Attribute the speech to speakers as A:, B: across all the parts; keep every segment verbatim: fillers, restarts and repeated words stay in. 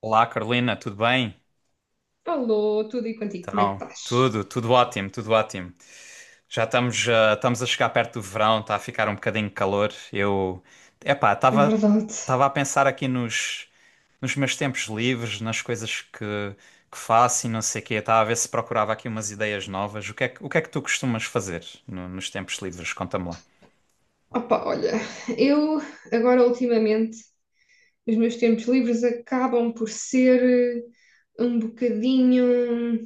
A: Olá, Carolina, tudo bem?
B: Alô, tudo e contigo, como é que
A: Então,
B: estás?
A: tudo, tudo ótimo, tudo ótimo. Já estamos, ah, estamos a chegar perto do verão, está a ficar um bocadinho de calor. Eu, epá,
B: É
A: estava,
B: verdade.
A: estava a pensar aqui nos, nos meus tempos livres, nas coisas que, que faço e não sei o quê. Estava a ver se procurava aqui umas ideias novas. O que é que, o que é que tu costumas fazer no- nos tempos livres? Conta-me lá.
B: Opa, olha, eu agora ultimamente os meus tempos livres acabam por ser eh, um bocadinho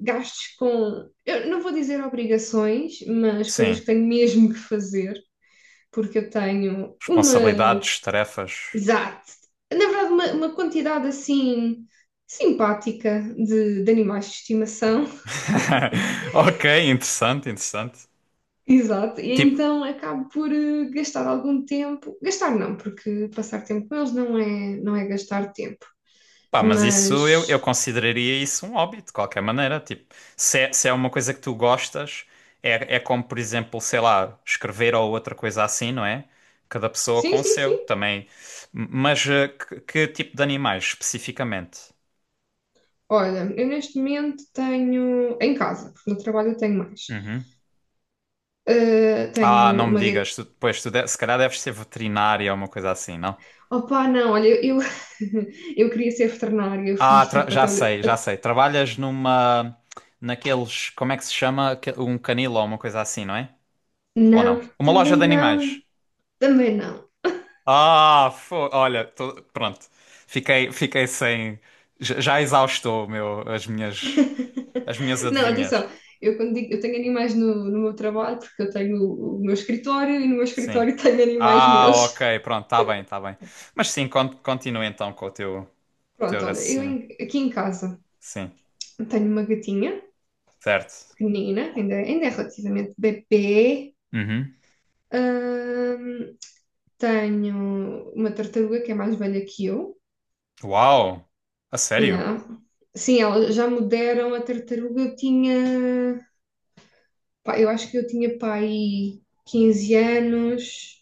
B: gastos com, eu não vou dizer obrigações, mas coisas que
A: Sim,
B: tenho mesmo que fazer, porque eu tenho uma,
A: responsabilidades, tarefas.
B: exato, na verdade uma, uma quantidade assim simpática de, de animais de estimação.
A: Ok, interessante, interessante.
B: Exato, e
A: Tipo,
B: então acabo por eh, gastar algum tempo, gastar não, porque passar tempo com eles não é, não é, gastar tempo,
A: pá, mas
B: mas
A: isso eu, eu consideraria isso um hobby, de qualquer maneira. Tipo, se é, se é uma coisa que tu gostas, é, é como, por exemplo, sei lá, escrever ou outra coisa assim, não é? Cada pessoa
B: sim,
A: com o
B: sim,
A: seu
B: sim.
A: também. M- Mas eh, que, que tipo de animais especificamente?
B: Olha, eu neste momento tenho, em casa, porque no trabalho eu tenho mais.
A: Uhum.
B: Eh, tenho
A: Ah, não me
B: uma gatinha.
A: digas, tu, pois tu de- se calhar deves ser veterinária ou uma coisa assim, não?
B: Opá, não, olha, eu, eu queria ser veterinária, eu
A: Ah,
B: fiz
A: tra-
B: tipo
A: já
B: até,
A: sei, já
B: o-
A: sei. Trabalhas numa, naqueles, como é que se chama? Que- Um canil ou uma coisa assim, não é? Ou não?
B: não,
A: Uma loja
B: também
A: de animais.
B: não, também não.
A: Ah, fo- olha, tô- pronto. Fiquei, fiquei sem. Já, já exaustou o meu, as minhas, as minhas
B: Não,
A: adivinhas.
B: atenção, eu quando digo, eu tenho animais no, no meu trabalho, porque eu tenho o, o meu escritório e no meu
A: Sim.
B: escritório tenho animais
A: Ah,
B: meus.
A: ok, pronto, tá bem, tá bem. Mas sim, con- continua então com o teu, teu
B: Pronto, olha, eu
A: raciocínio.
B: em- aqui em casa
A: Sim,
B: tenho uma gatinha
A: certo.
B: pequenina, ainda, ainda é relativamente bebê.
A: Uhum.
B: Ahm, Tenho uma tartaruga que é mais velha que eu.
A: Uau, a sério?
B: Yeah. Sim, elas já me deram a tartaruga, eu tinha, pá, eu acho que eu tinha pai quinze anos.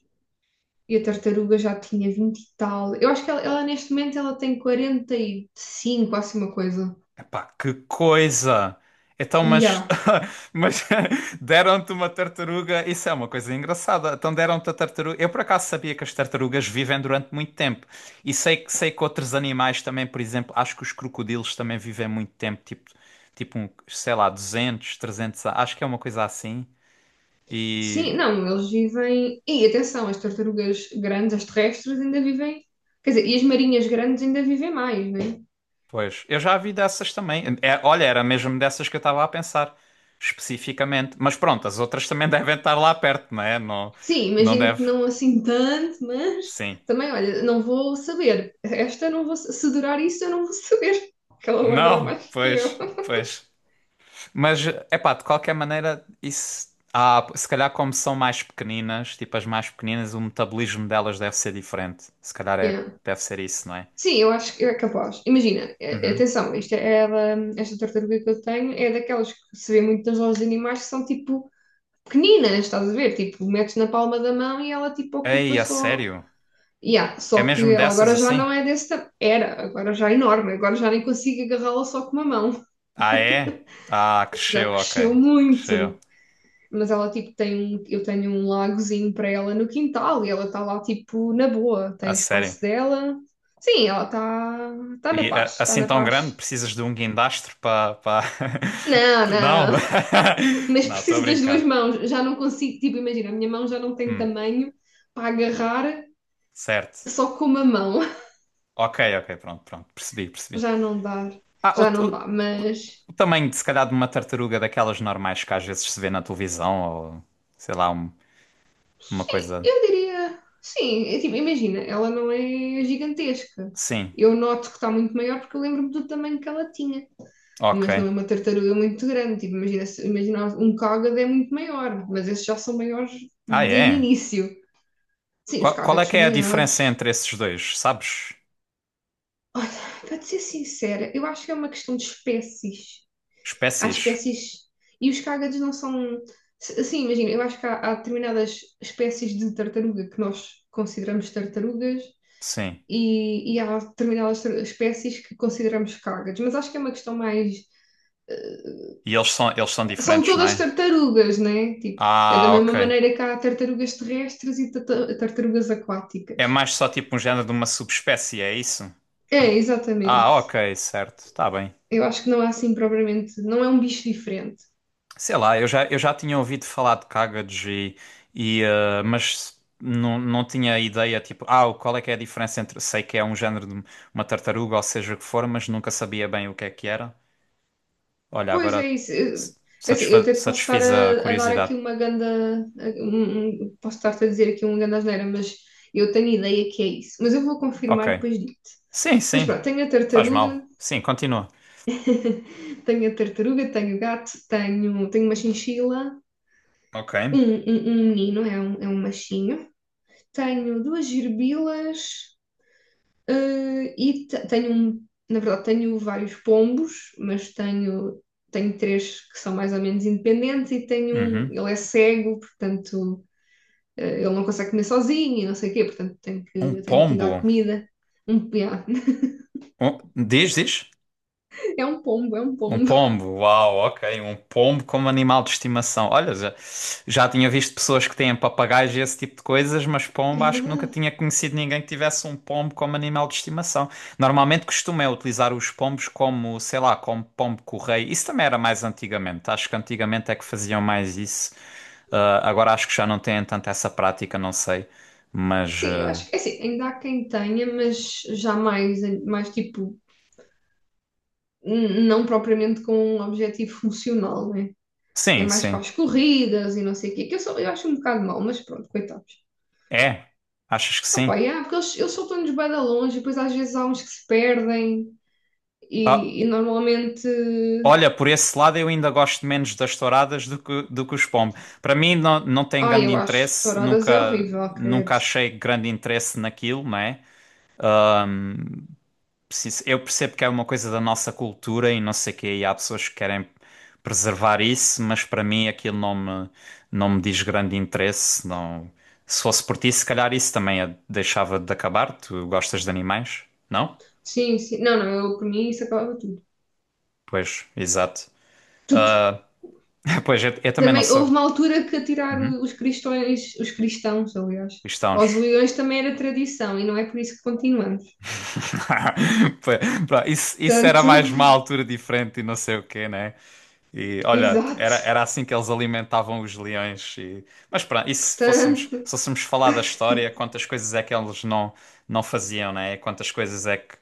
B: E a tartaruga já tinha vinte e tal. Eu acho que ela, ela, neste momento ela tem quarenta e cinco, assim uma coisa.
A: Pá, que coisa! Então, mas,
B: Yeah.
A: mas deram-te uma tartaruga, isso é uma coisa engraçada. Então deram-te a tartaruga. Eu por acaso sabia que as tartarugas vivem durante muito tempo. E sei, que- sei que outros animais também, por exemplo, acho que os crocodilos também vivem muito tempo, tipo, tipo um, sei lá, duzentos trezentos a- acho que é uma coisa assim.
B: Sim,
A: E,
B: não, eles vivem. E atenção, as tartarugas grandes, as terrestres, ainda vivem. Quer dizer, e as marinhas grandes ainda vivem mais, não é?
A: pois, eu já vi dessas também. É, olha, era mesmo dessas que eu estava a pensar, especificamente. Mas pronto, as outras também devem estar lá perto, não é? Não,
B: Sim,
A: não
B: imagino
A: deve.
B: que não assim tanto, mas
A: Sim.
B: também, olha, não vou saber. Esta não vou. Se durar isso, eu não vou saber, porque ela vai durar
A: Não,
B: mais que eu.
A: pois, pois. Mas, epá, de qualquer maneira, isso. Ah, se calhar como são mais pequeninas, tipo as mais pequeninas, o metabolismo delas deve ser diferente. Se calhar é,
B: Yeah.
A: deve ser isso, não é?
B: Sim, eu acho que é capaz. Imagina, eh,
A: Uhum.
B: atenção, isto é, é da- esta tartaruga que eu tenho é daquelas que se vê muito nas lojas de animais que são tipo pequeninas, estás a ver? Tipo, metes na palma da mão e ela tipo ocupa
A: Ei, a
B: só.
A: sério?
B: Yeah,
A: É
B: só que
A: mesmo
B: ela
A: dessas
B: agora já não
A: assim?
B: é desse tamanho. Era, agora já é enorme, agora já nem consigo agarrá-la só com uma mão,
A: Ah, é? Ah,
B: porque já
A: cresceu,
B: cresceu
A: ok. Cresceu.
B: muito. Mas ela tipo tem um, eu tenho um lagozinho para ela no quintal e ela está lá tipo na boa, tem
A: A
B: o espaço
A: sério.
B: dela. Sim, ela está tá tá na
A: E a-
B: paz, está
A: assim
B: na
A: tão grande,
B: paz.
A: precisas de um guindastro para. Pa...
B: Não,
A: pa- Não!
B: não, mas
A: Não, estou a
B: preciso das duas
A: brincar.
B: mãos. Já não consigo, tipo, imagina, a minha mão já não tem
A: Hum,
B: tamanho para agarrar
A: certo.
B: só com uma mão.
A: Ok, ok, pronto, pronto, percebi, percebi.
B: Já não dá,
A: Ah, o,
B: já não
A: o-
B: dá,
A: o-
B: mas
A: o tamanho, de, se calhar, de uma tartaruga daquelas normais que às vezes se vê na televisão, ou sei lá, um- uma
B: sim,
A: coisa.
B: eu diria, sim, é tipo, imagina, ela não é gigantesca.
A: Sim,
B: Eu noto que está muito maior porque eu lembro-me do tamanho que ela tinha, mas não é
A: ok.
B: uma tartaruga muito grande. Tipo, imagina, se- imagina, um cágado é muito maior, mas esses já são maiores
A: Ah,
B: desde o
A: é?
B: início. Sim, os
A: Qual, qual é
B: cágados
A: que
B: são
A: é a
B: maiores.
A: diferença entre esses dois, sabes?
B: Olha, para te ser sincera, eu acho que é uma questão de espécies. Há
A: Espécies?
B: espécies. E os cágados não são. S- Sim, imagina, eu acho que há, há, determinadas espécies de tartaruga que nós consideramos tartarugas
A: Sim.
B: e, e há determinadas tar- espécies que consideramos cágados. Mas acho que é uma questão mais. eh,
A: E eles são, eles são
B: São
A: diferentes, não
B: todas
A: é?
B: tartarugas, né? Tipo, é da
A: Ah,
B: mesma
A: ok.
B: maneira que há tartarugas terrestres e tata- tartarugas
A: É
B: aquáticas.
A: mais só tipo um género de uma subespécie, é isso?
B: É,
A: Ah,
B: exatamente.
A: ok, certo, tá bem.
B: Eu acho que não é assim propriamente. Não é um bicho diferente.
A: Sei lá, eu já, eu já tinha ouvido falar de Kagged e, e, eh, mas não, não tinha ideia, tipo, ah, qual é que é a diferença entre, sei que é um género de uma tartaruga ou seja o que for, mas nunca sabia bem o que é que era. Olha,
B: Pois é
A: agora
B: isso. Eu-
A: s-
B: Assim, eu
A: satisfa
B: até te posso estar
A: satisfiz a
B: a, a dar aqui
A: curiosidade.
B: uma ganda, a- um- um- posso estar-te a dizer aqui uma ganda asneira, mas eu tenho ideia que é isso. Mas eu vou
A: Ok.
B: confirmar e depois digo-te.
A: Sim,
B: Mas
A: sim,
B: pronto, tenho a
A: faz
B: tartaruga,
A: mal. Sim, continua.
B: tenho a tartaruga, tenho o gato, tenho, tenho uma chinchila,
A: Ok.
B: um, um, um menino, é um, é um machinho, tenho duas gerbilas. Eh, e te- tenho, um- na verdade, tenho vários pombos, mas tenho, tenho, três que são mais ou menos independentes e tenho um,
A: Uhum.
B: ele é cego, portanto, eh, ele não consegue comer sozinho e não sei o quê, portanto, tenho
A: Um
B: que, tenho que lhe dar
A: pombo.
B: comida. Um, yeah.
A: Um, diz, diz.
B: É um pombo, é um
A: Um
B: pombo.
A: pombo, uau, ok. Um pombo como animal de estimação. Olha, já, já tinha visto pessoas que têm papagaios e esse tipo de coisas, mas
B: É
A: pombo acho que nunca
B: verdade.
A: tinha conhecido ninguém que tivesse um pombo como animal de estimação. Normalmente costuma é utilizar os pombos como, sei lá, como pombo-correio. Isso também era mais antigamente. Acho que antigamente é que faziam mais isso. Ah, agora acho que já não têm tanto essa prática, não sei. Mas
B: Sim, eu
A: ah,
B: acho que é assim, ainda há quem tenha, mas já mais, mais tipo, n- não propriamente com um objetivo funcional, né? É
A: sim,
B: mais para
A: sim.
B: as corridas e não sei o quê, que eu, sou, eu acho um bocado mau, mas pronto, coitados.
A: É, achas que
B: Ah, pá,
A: sim?
B: yeah, porque eles, eles, soltam-nos bem da longe, e depois às vezes há uns que se perdem
A: Ah.
B: e, e normalmente.
A: Olha, por esse lado eu ainda gosto menos das touradas do que, do que os pombos. Para mim não, não tem
B: Ai,
A: grande
B: eu acho
A: interesse,
B: touradas é
A: nunca,
B: horrível,
A: nunca
B: credo.
A: achei grande interesse naquilo, não é? Preciso- Eu percebo que é uma coisa da nossa cultura e não sei o quê, e há pessoas que querem preservar isso, mas para mim aquilo não me, não me diz grande interesse. Não. Se fosse por ti, se calhar isso também a- deixava de acabar. Tu gostas de animais, não?
B: Sim, sim. Não, não, eu por mim isso acabava tudo.
A: Pois, exato.
B: Tudo.
A: Pois, eu, eu também não
B: Também
A: sou.
B: houve uma altura que atirar
A: Uhum,
B: os cristões, os cristãos, aliás, aos
A: cristãos.
B: leões também era tradição e não é por isso que continuamos.
A: Pá, pá, Isso, isso era
B: Portanto,
A: mais uma altura diferente e não sei o quê, né? E olha, era,
B: exato.
A: era assim que eles alimentavam os leões. e- Mas pronto, e se fôssemos,
B: Portanto,
A: se fôssemos falar da história, quantas coisas é que eles não, não faziam, né? Quantas coisas é que.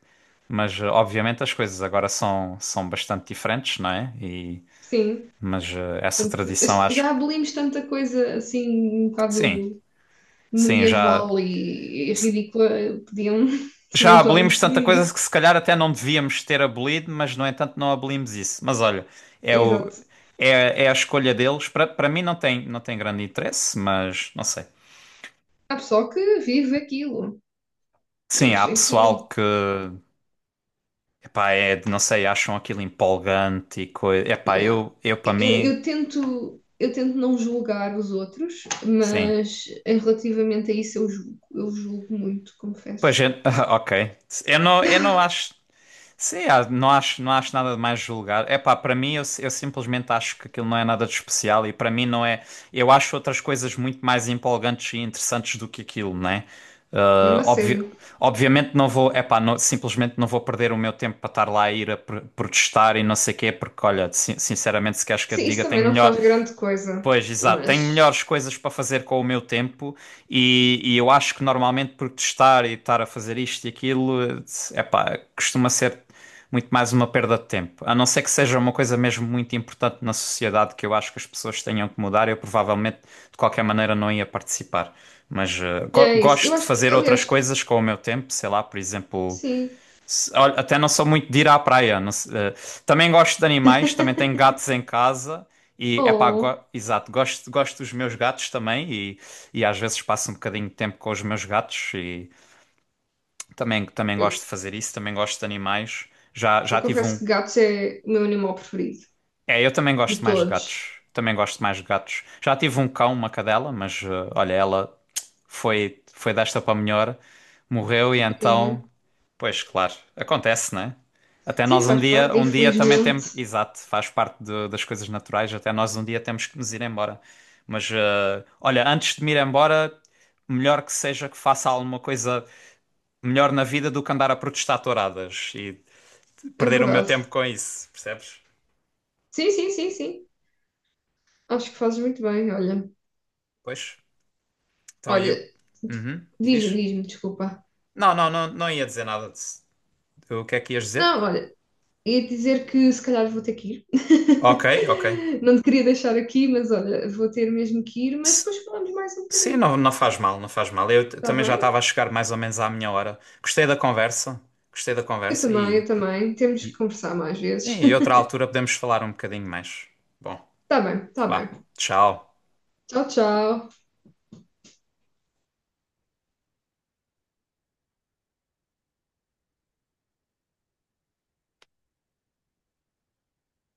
A: Mas eh, obviamente as coisas agora são, são bastante diferentes, não é? E,
B: sim.
A: mas eh, essa
B: Portanto,
A: tradição acho
B: já
A: que.
B: abolimos tanta coisa assim, um
A: Sim,
B: bocado
A: sim, já.
B: medieval e, e, ridícula, podiam
A: Já
B: também já
A: abolimos
B: ir por
A: tanta coisa
B: aí.
A: que se calhar até não devíamos ter abolido, mas no entanto não abolimos isso. Mas olha, é o,
B: Exato.
A: é, é a escolha deles. Para para mim não tem, não tem grande interesse, mas não sei.
B: Há pessoal que vive aquilo,
A: Sim,
B: mas
A: há pessoal
B: enfim,
A: que, epá, é, de- não sei, acham aquilo empolgante e coisa. Epá,
B: yeah.
A: eu, eu para
B: Eu,
A: mim,
B: eu tento, eu tento, não julgar os outros,
A: sim.
B: mas em relativamente a isso eu julgo, eu julgo muito,
A: Pois
B: confesso.
A: é, ok. Eu não, eu não acho. Sim, ah, não acho, não acho nada de mais julgar. É pá, para mim, eu, eu simplesmente acho que aquilo não é nada de especial e para mim não é. Eu acho outras coisas muito mais empolgantes e interessantes do que aquilo, né?
B: Mesmo
A: Ah,
B: a
A: obvi-
B: sério.
A: obviamente não vou, é pá, não- simplesmente não vou perder o meu tempo para estar lá a ir a pr- protestar e não sei o quê, porque olha, sin- sinceramente, se queres que eu te
B: Sim, isso
A: diga,
B: também
A: tenho
B: não faz
A: melhor,
B: grande coisa,
A: pois, exato. Tenho
B: mas
A: melhores coisas para fazer com o meu tempo e, e eu acho que normalmente protestar e estar a fazer isto e aquilo, é pá, costuma ser muito mais uma perda de tempo. A não ser que seja uma coisa mesmo muito importante na sociedade que eu acho que as pessoas tenham que mudar, eu provavelmente de qualquer maneira não ia participar. Mas eh,
B: yeah,
A: go-
B: é isso. Eu
A: gosto de
B: acho que,
A: fazer outras
B: aliás,
A: coisas com o meu tempo, sei lá, por exemplo,
B: sim.
A: se- olha, até não sou muito de ir à praia. não se- eh, também gosto de animais, também tenho gatos em casa e é pá,
B: Oh,
A: exato, gosto, gosto dos meus gatos também e, e às vezes passo um bocadinho de tempo com os meus gatos e também, também,
B: eu,
A: gosto de fazer isso, também gosto de animais. Já,
B: eu
A: já tive
B: confesso
A: um,
B: que gatos é o meu animal preferido
A: é, eu também
B: de
A: gosto mais de gatos.
B: todos.
A: Também gosto mais de gatos. Já tive um cão, uma cadela, mas eh, olha, ela foi foi desta para melhor, morreu e
B: Tadinha.
A: então, pois claro, acontece, né? Até
B: Sim,
A: nós um
B: faz
A: dia,
B: parte,
A: um dia também
B: infelizmente.
A: temos, exato, faz parte de- das coisas naturais, até nós um dia temos que nos ir embora. Mas eh, olha, antes de me ir embora, melhor que seja que faça alguma coisa melhor na vida do que andar a protestar touradas e
B: É
A: perder o meu
B: verdade.
A: tempo com isso, percebes?
B: Sim, sim, sim, sim. Acho que fazes muito bem, olha.
A: Pois. Então, e
B: Olha,
A: o. Uhum,
B: diz-me,
A: diz?
B: diz-me, desculpa.
A: Não, não, não, não ia dizer nada. De... O que é que ias dizer?
B: Não, olha, ia dizer que se calhar vou ter que ir.
A: Ok, ok.
B: Não te queria deixar aqui, mas olha, vou ter mesmo que ir, mas
A: S-
B: depois falamos mais um
A: Sim,
B: bocadinho,
A: não, não faz mal, não faz mal. Eu t-
B: está
A: também já estava
B: bem?
A: a chegar mais ou menos à minha hora. Gostei da conversa, gostei da
B: Eu
A: conversa
B: também, eu
A: e,
B: também. Temos que
A: e,
B: conversar mais
A: sim,
B: vezes.
A: e outra altura podemos falar um bocadinho mais. Bom,
B: Está bem, está
A: vá,
B: bem.
A: tchau.
B: Tchau, tchau.